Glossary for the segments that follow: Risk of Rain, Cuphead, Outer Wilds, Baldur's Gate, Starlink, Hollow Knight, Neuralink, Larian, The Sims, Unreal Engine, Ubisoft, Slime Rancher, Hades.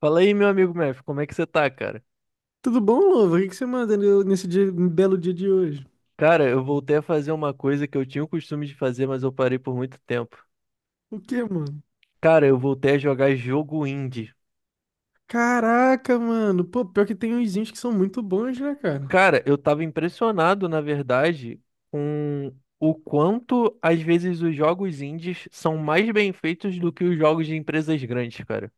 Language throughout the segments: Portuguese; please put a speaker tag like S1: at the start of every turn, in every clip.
S1: Fala aí, meu amigo Mef, como é que você tá, cara?
S2: Tudo bom, Luva? O que que você manda belo dia de hoje?
S1: Cara, eu voltei a fazer uma coisa que eu tinha o costume de fazer, mas eu parei por muito tempo.
S2: O que, mano?
S1: Cara, eu voltei a jogar jogo indie.
S2: Caraca, mano. Pô, pior que tem uns indies que são muito bons, né, cara?
S1: Cara, eu tava impressionado, na verdade, com o quanto, às vezes, os jogos indies são mais bem feitos do que os jogos de empresas grandes, cara.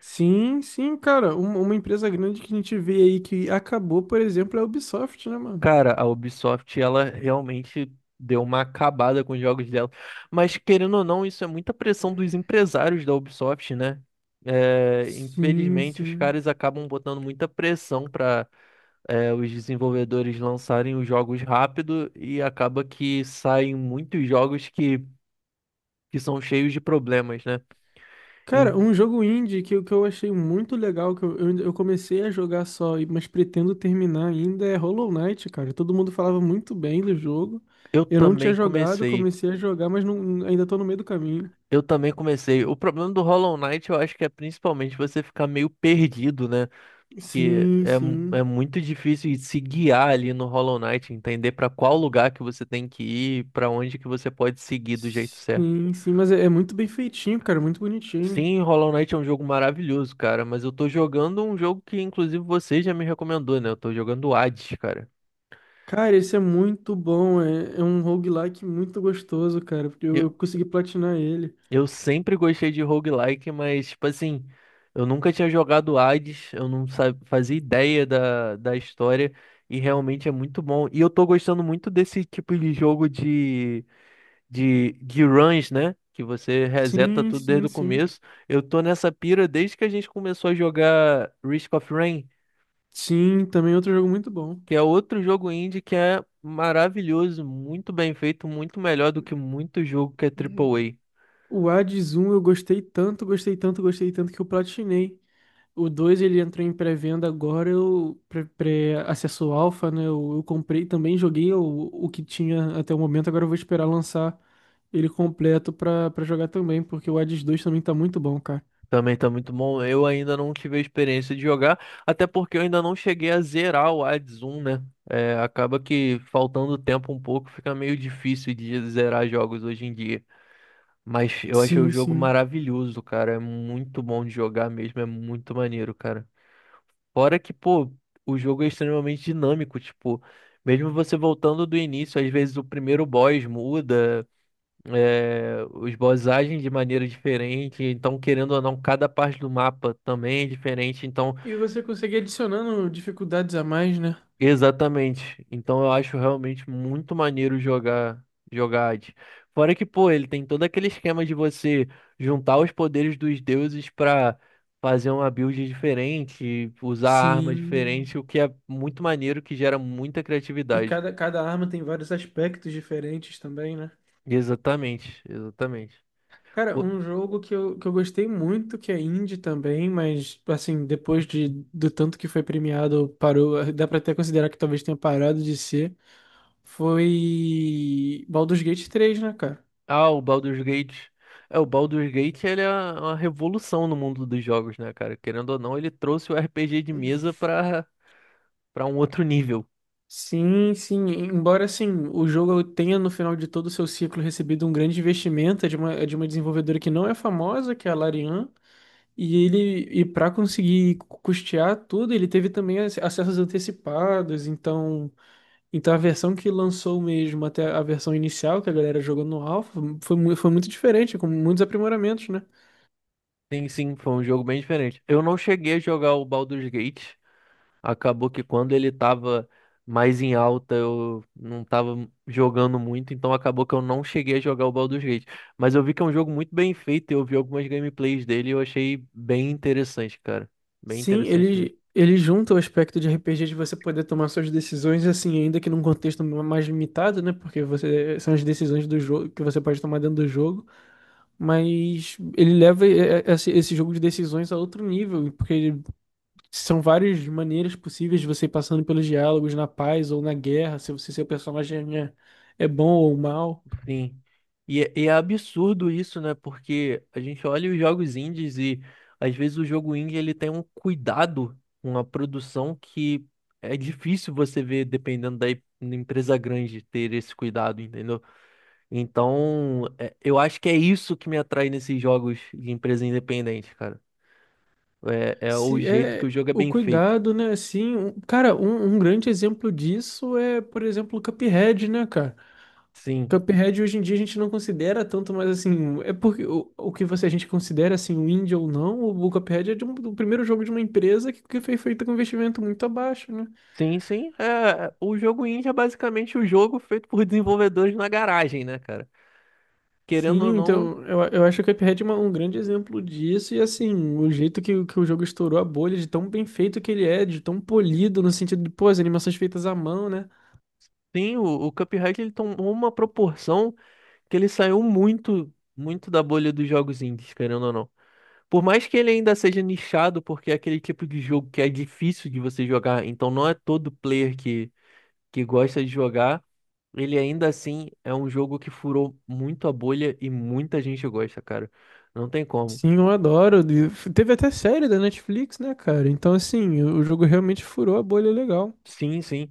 S2: Sim, sim, cara. Uma empresa grande que a gente vê aí que acabou, por exemplo, é a Ubisoft, né, mano?
S1: Cara, a Ubisoft, ela realmente deu uma acabada com os jogos dela. Mas, querendo ou não, isso é muita pressão dos empresários da Ubisoft, né? É,
S2: Sim,
S1: infelizmente, os
S2: sim.
S1: caras acabam botando muita pressão para os desenvolvedores lançarem os jogos rápido e acaba que saem muitos jogos que são cheios de problemas, né? Em-
S2: Cara, um jogo indie que, que eu achei muito legal, que eu comecei a jogar só, mas pretendo terminar ainda, é Hollow Knight, cara. Todo mundo falava muito bem do jogo.
S1: eu
S2: Eu não
S1: também
S2: tinha jogado,
S1: comecei.
S2: comecei a jogar, mas não, ainda tô no meio do caminho.
S1: Eu também comecei. O problema do Hollow Knight, eu acho que é principalmente você ficar meio perdido, né? Que
S2: Sim,
S1: é, é
S2: sim.
S1: muito difícil de se guiar ali no Hollow Knight, entender para qual lugar que você tem que ir, para onde que você pode seguir do jeito certo.
S2: Sim, sim, mas é muito bem feitinho, cara, muito bonitinho.
S1: Sim, Hollow Knight é um jogo maravilhoso, cara, mas eu tô jogando um jogo que inclusive você já me recomendou, né? Eu tô jogando Hades, cara.
S2: Cara, esse é muito bom, é um roguelike muito gostoso, cara, porque eu,
S1: Eu,
S2: eu consegui platinar ele.
S1: eu sempre gostei de roguelike, mas tipo assim, eu nunca tinha jogado Hades, eu não sa- fazia ideia da história e realmente é muito bom. E eu tô gostando muito desse tipo de jogo de de runs, né? Que você reseta
S2: Sim,
S1: tudo desde
S2: sim,
S1: o
S2: sim.
S1: começo. Eu tô nessa pira desde que a gente começou a jogar Risk of Rain,
S2: Sim, também é outro jogo muito bom.
S1: que é outro jogo indie que é maravilhoso, muito bem feito, muito melhor do que muito jogo que é triplo A.
S2: O Hades 1 eu gostei tanto, gostei tanto, gostei tanto que eu platinei. O 2 ele entrou em pré-venda agora, acesso alfa, né? Eu comprei também, joguei o que tinha até o momento, agora eu vou esperar lançar ele completo pra jogar também, porque o Hades dois também tá muito bom, cara.
S1: Também tá muito bom. Eu ainda não tive a experiência de jogar, até porque eu ainda não cheguei a zerar o Hades 1, né? É, acaba que faltando tempo um pouco, fica meio difícil de zerar jogos hoje em dia. Mas eu achei o
S2: Sim,
S1: jogo
S2: sim.
S1: maravilhoso, cara. É muito bom de jogar mesmo, é muito maneiro, cara. Fora que, pô, o jogo é extremamente dinâmico, tipo, mesmo você voltando do início, às vezes o primeiro boss muda, é, os boss agem de maneira diferente, então, querendo ou não, cada parte do mapa também é diferente, então.
S2: E você consegue adicionando dificuldades a mais, né?
S1: Exatamente. Então eu acho realmente muito maneiro jogar Hades. Fora que, pô, ele tem todo aquele esquema de você juntar os poderes dos deuses pra fazer uma build diferente, usar arma
S2: Sim.
S1: diferente, o que é muito maneiro, que gera muita
S2: E
S1: criatividade.
S2: cada arma tem vários aspectos diferentes também, né?
S1: Exatamente.
S2: Cara,
S1: O-
S2: um jogo que que eu gostei muito, que é indie também, mas assim, depois do tanto que foi premiado, parou, dá pra até considerar que talvez tenha parado de ser, foi Baldur's Gate três, né, cara?
S1: Ah, o Baldur's Gate. É, o Baldur's Gate, ele é uma revolução no mundo dos jogos, né, cara? Querendo ou não, ele trouxe o RPG de mesa pra para um outro nível.
S2: Sim, sim, embora assim, o jogo tenha no final de todo o seu ciclo recebido um grande investimento, é de uma desenvolvedora que não é famosa, que é a Larian, e ele para conseguir custear tudo, ele teve também acessos antecipados, então. Então a versão que lançou mesmo até a versão inicial que a galera jogou no Alpha foi, foi muito diferente, com muitos aprimoramentos, né?
S1: Sim, sim, foi um jogo bem diferente. Eu não cheguei a jogar o Baldur's Gate. Acabou que quando ele tava mais em alta, eu não tava jogando muito, então acabou que eu não cheguei a jogar o Baldur's Gate. Mas eu vi que é um jogo muito bem feito, eu vi algumas gameplays dele e eu achei bem interessante, cara. Bem
S2: Sim,
S1: interessante.
S2: ele junta o aspecto de RPG de você poder tomar suas decisões, assim, ainda que num contexto mais limitado, né? Porque você, são as decisões do jogo que você pode tomar dentro do jogo, mas ele leva esse jogo de decisões a outro nível, porque são várias maneiras possíveis de você ir passando pelos diálogos na paz ou na guerra, se seu personagem é bom ou mal.
S1: Sim. E, é absurdo isso, né? Porque a gente olha os jogos indies e às vezes o jogo indie ele tem um cuidado com a produção que é difícil você ver dependendo da empresa grande ter esse cuidado, entendeu? Então, eu acho que é isso que me atrai nesses jogos de empresa independente, cara. É, é o
S2: Se
S1: jeito que o
S2: é
S1: jogo é
S2: o
S1: bem feito.
S2: cuidado, né? Assim, um grande exemplo disso é, por exemplo, o Cuphead, né, cara?
S1: Sim.
S2: Cuphead hoje em dia a gente não considera tanto, mas assim, é porque o que você a gente considera assim, o indie ou não, o Cuphead é do primeiro jogo de uma empresa que foi feito com investimento muito abaixo, né?
S1: Sim, sim. É, o jogo indie é basicamente o jogo feito por desenvolvedores na garagem, né, cara? Querendo ou
S2: Sim,
S1: não.
S2: então eu acho que o Cuphead é um grande exemplo disso, e assim, o jeito que, que o jogo estourou a bolha, de tão bem feito que ele é, de tão polido, no sentido de, pô, as animações feitas à mão, né?
S1: Sim, o Cuphead ele tomou uma proporção que ele saiu muito da bolha dos jogos indies, querendo ou não. Por mais que ele ainda seja nichado, porque é aquele tipo de jogo que é difícil de você jogar, então não é todo player que gosta de jogar, ele ainda assim é um jogo que furou muito a bolha e muita gente gosta, cara. Não tem como.
S2: Sim, eu adoro. E teve até série da Netflix, né, cara? Então, assim, o jogo realmente furou a bolha legal.
S1: Sim, sim.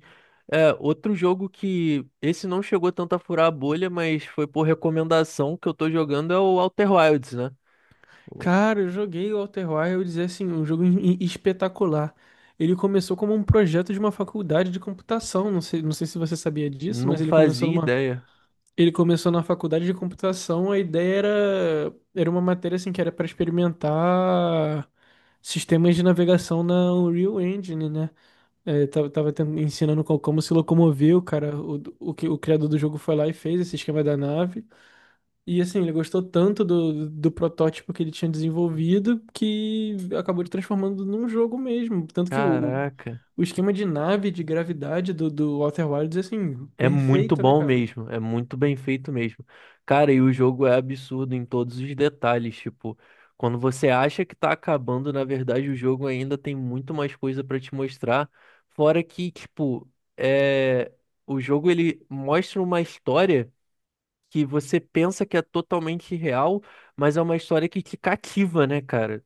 S1: É, outro jogo que esse não chegou tanto a furar a bolha, mas foi por recomendação que eu tô jogando é o Outer Wilds, né?
S2: Cara, eu joguei o Outer Wilds, e, assim, um jogo espetacular. Ele começou como um projeto de uma faculdade de computação. Não sei, não sei se você sabia disso, mas
S1: Não
S2: ele começou
S1: fazia
S2: numa,
S1: ideia.
S2: ele começou na faculdade de computação. A ideia era uma matéria assim que era para experimentar sistemas de navegação na Unreal Engine, né? É, ensinando como se locomover, o cara, o criador do jogo foi lá e fez esse esquema da nave. E assim, ele gostou tanto do protótipo que ele tinha desenvolvido que acabou de transformando num jogo mesmo. Tanto que
S1: Caraca.
S2: o esquema de nave, de gravidade do Outer Wilds é assim,
S1: É muito
S2: perfeito, né,
S1: bom
S2: cara?
S1: mesmo. É muito bem feito mesmo. Cara, e o jogo é absurdo em todos os detalhes. Tipo, quando você acha que tá acabando, na verdade, o jogo ainda tem muito mais coisa pra te mostrar. Fora que, tipo, é... o jogo ele mostra uma história que você pensa que é totalmente real, mas é uma história que te cativa, né, cara?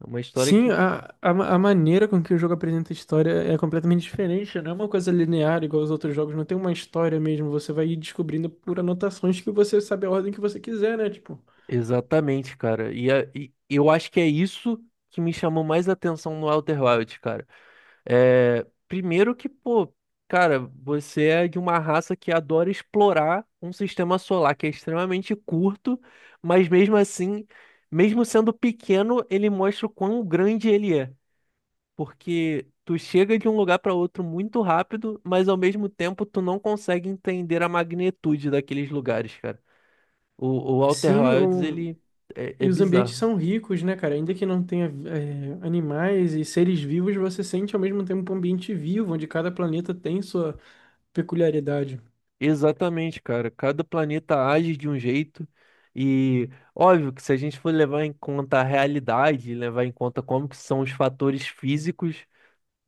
S1: É uma história
S2: Sim,
S1: que...
S2: a maneira com que o jogo apresenta a história é completamente diferente, né? Não é uma coisa linear igual os outros jogos, não tem uma história mesmo. Você vai ir descobrindo por anotações que você sabe a ordem que você quiser, né? Tipo,
S1: Exatamente, cara. E, e eu acho que é isso que me chamou mais atenção no Outer Wilds, cara. É, primeiro que, pô, cara, você é de uma raça que adora explorar um sistema solar que é extremamente curto, mas mesmo assim, mesmo sendo pequeno, ele mostra o quão grande ele é. Porque tu chega de um lugar para outro muito rápido, mas ao mesmo tempo tu não consegue entender a magnitude daqueles lugares, cara. O Walter
S2: sim,
S1: Wilds,
S2: o...
S1: ele é, é
S2: E os ambientes
S1: bizarro.
S2: são ricos, né, cara? Ainda que não tenha é, animais e seres vivos, você sente ao mesmo tempo um ambiente vivo, onde cada planeta tem sua peculiaridade.
S1: Exatamente, cara. Cada planeta age de um jeito. E óbvio que se a gente for levar em conta a realidade, levar em conta como que são os fatores físicos,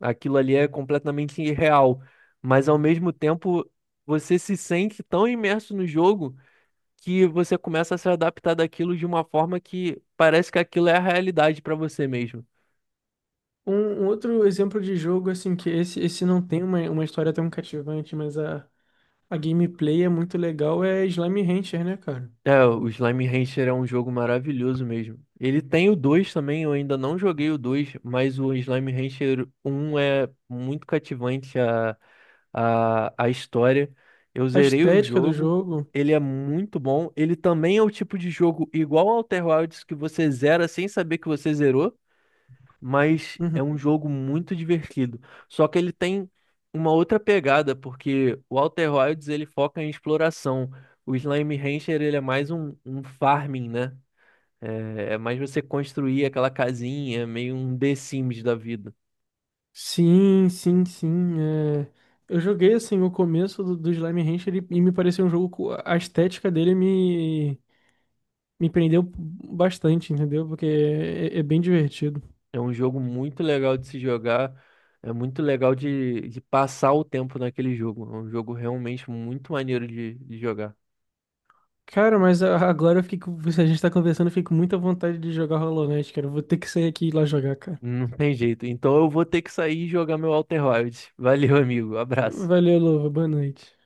S1: aquilo ali é completamente irreal. Mas ao mesmo tempo, você se sente tão imerso no jogo que você começa a se adaptar daquilo de uma forma que parece que aquilo é a realidade para você mesmo.
S2: Um outro exemplo de jogo, assim, que esse não tem uma história tão cativante, mas a. A gameplay é muito legal, é Slime Rancher, né, cara?
S1: É, o Slime Rancher é um jogo maravilhoso mesmo. Ele tem o 2 também, eu ainda não joguei o 2, mas o Slime Rancher um é muito cativante a história. Eu
S2: A
S1: zerei o
S2: estética do
S1: jogo,
S2: jogo.
S1: ele é muito bom. Ele também é o tipo de jogo igual ao Outer Wilds que você zera sem saber que você zerou, mas é um
S2: Uhum.
S1: jogo muito divertido. Só que ele tem uma outra pegada, porque o Outer Wilds ele foca em exploração. O Slime Rancher ele é mais um farming, né? É, é mais você construir aquela casinha, meio um The Sims da vida.
S2: Sim, sim, sim, é. Eu joguei assim o começo do Slime Rancher e me pareceu um jogo. A estética dele me prendeu bastante, entendeu? Porque é bem divertido.
S1: É um jogo muito legal de se jogar, é muito legal de passar o tempo naquele jogo. É um jogo realmente muito maneiro de jogar.
S2: Cara, mas a- agora eu fiquei com- se a gente tá conversando, eu fico com muita vontade de jogar Hollow Knight, cara. Eu vou ter que sair aqui e ir lá jogar, cara.
S1: Não tem jeito. Então eu vou ter que sair e jogar meu Outer Wilds. Valeu, amigo. Abraço.
S2: Valeu, Luva. Boa noite.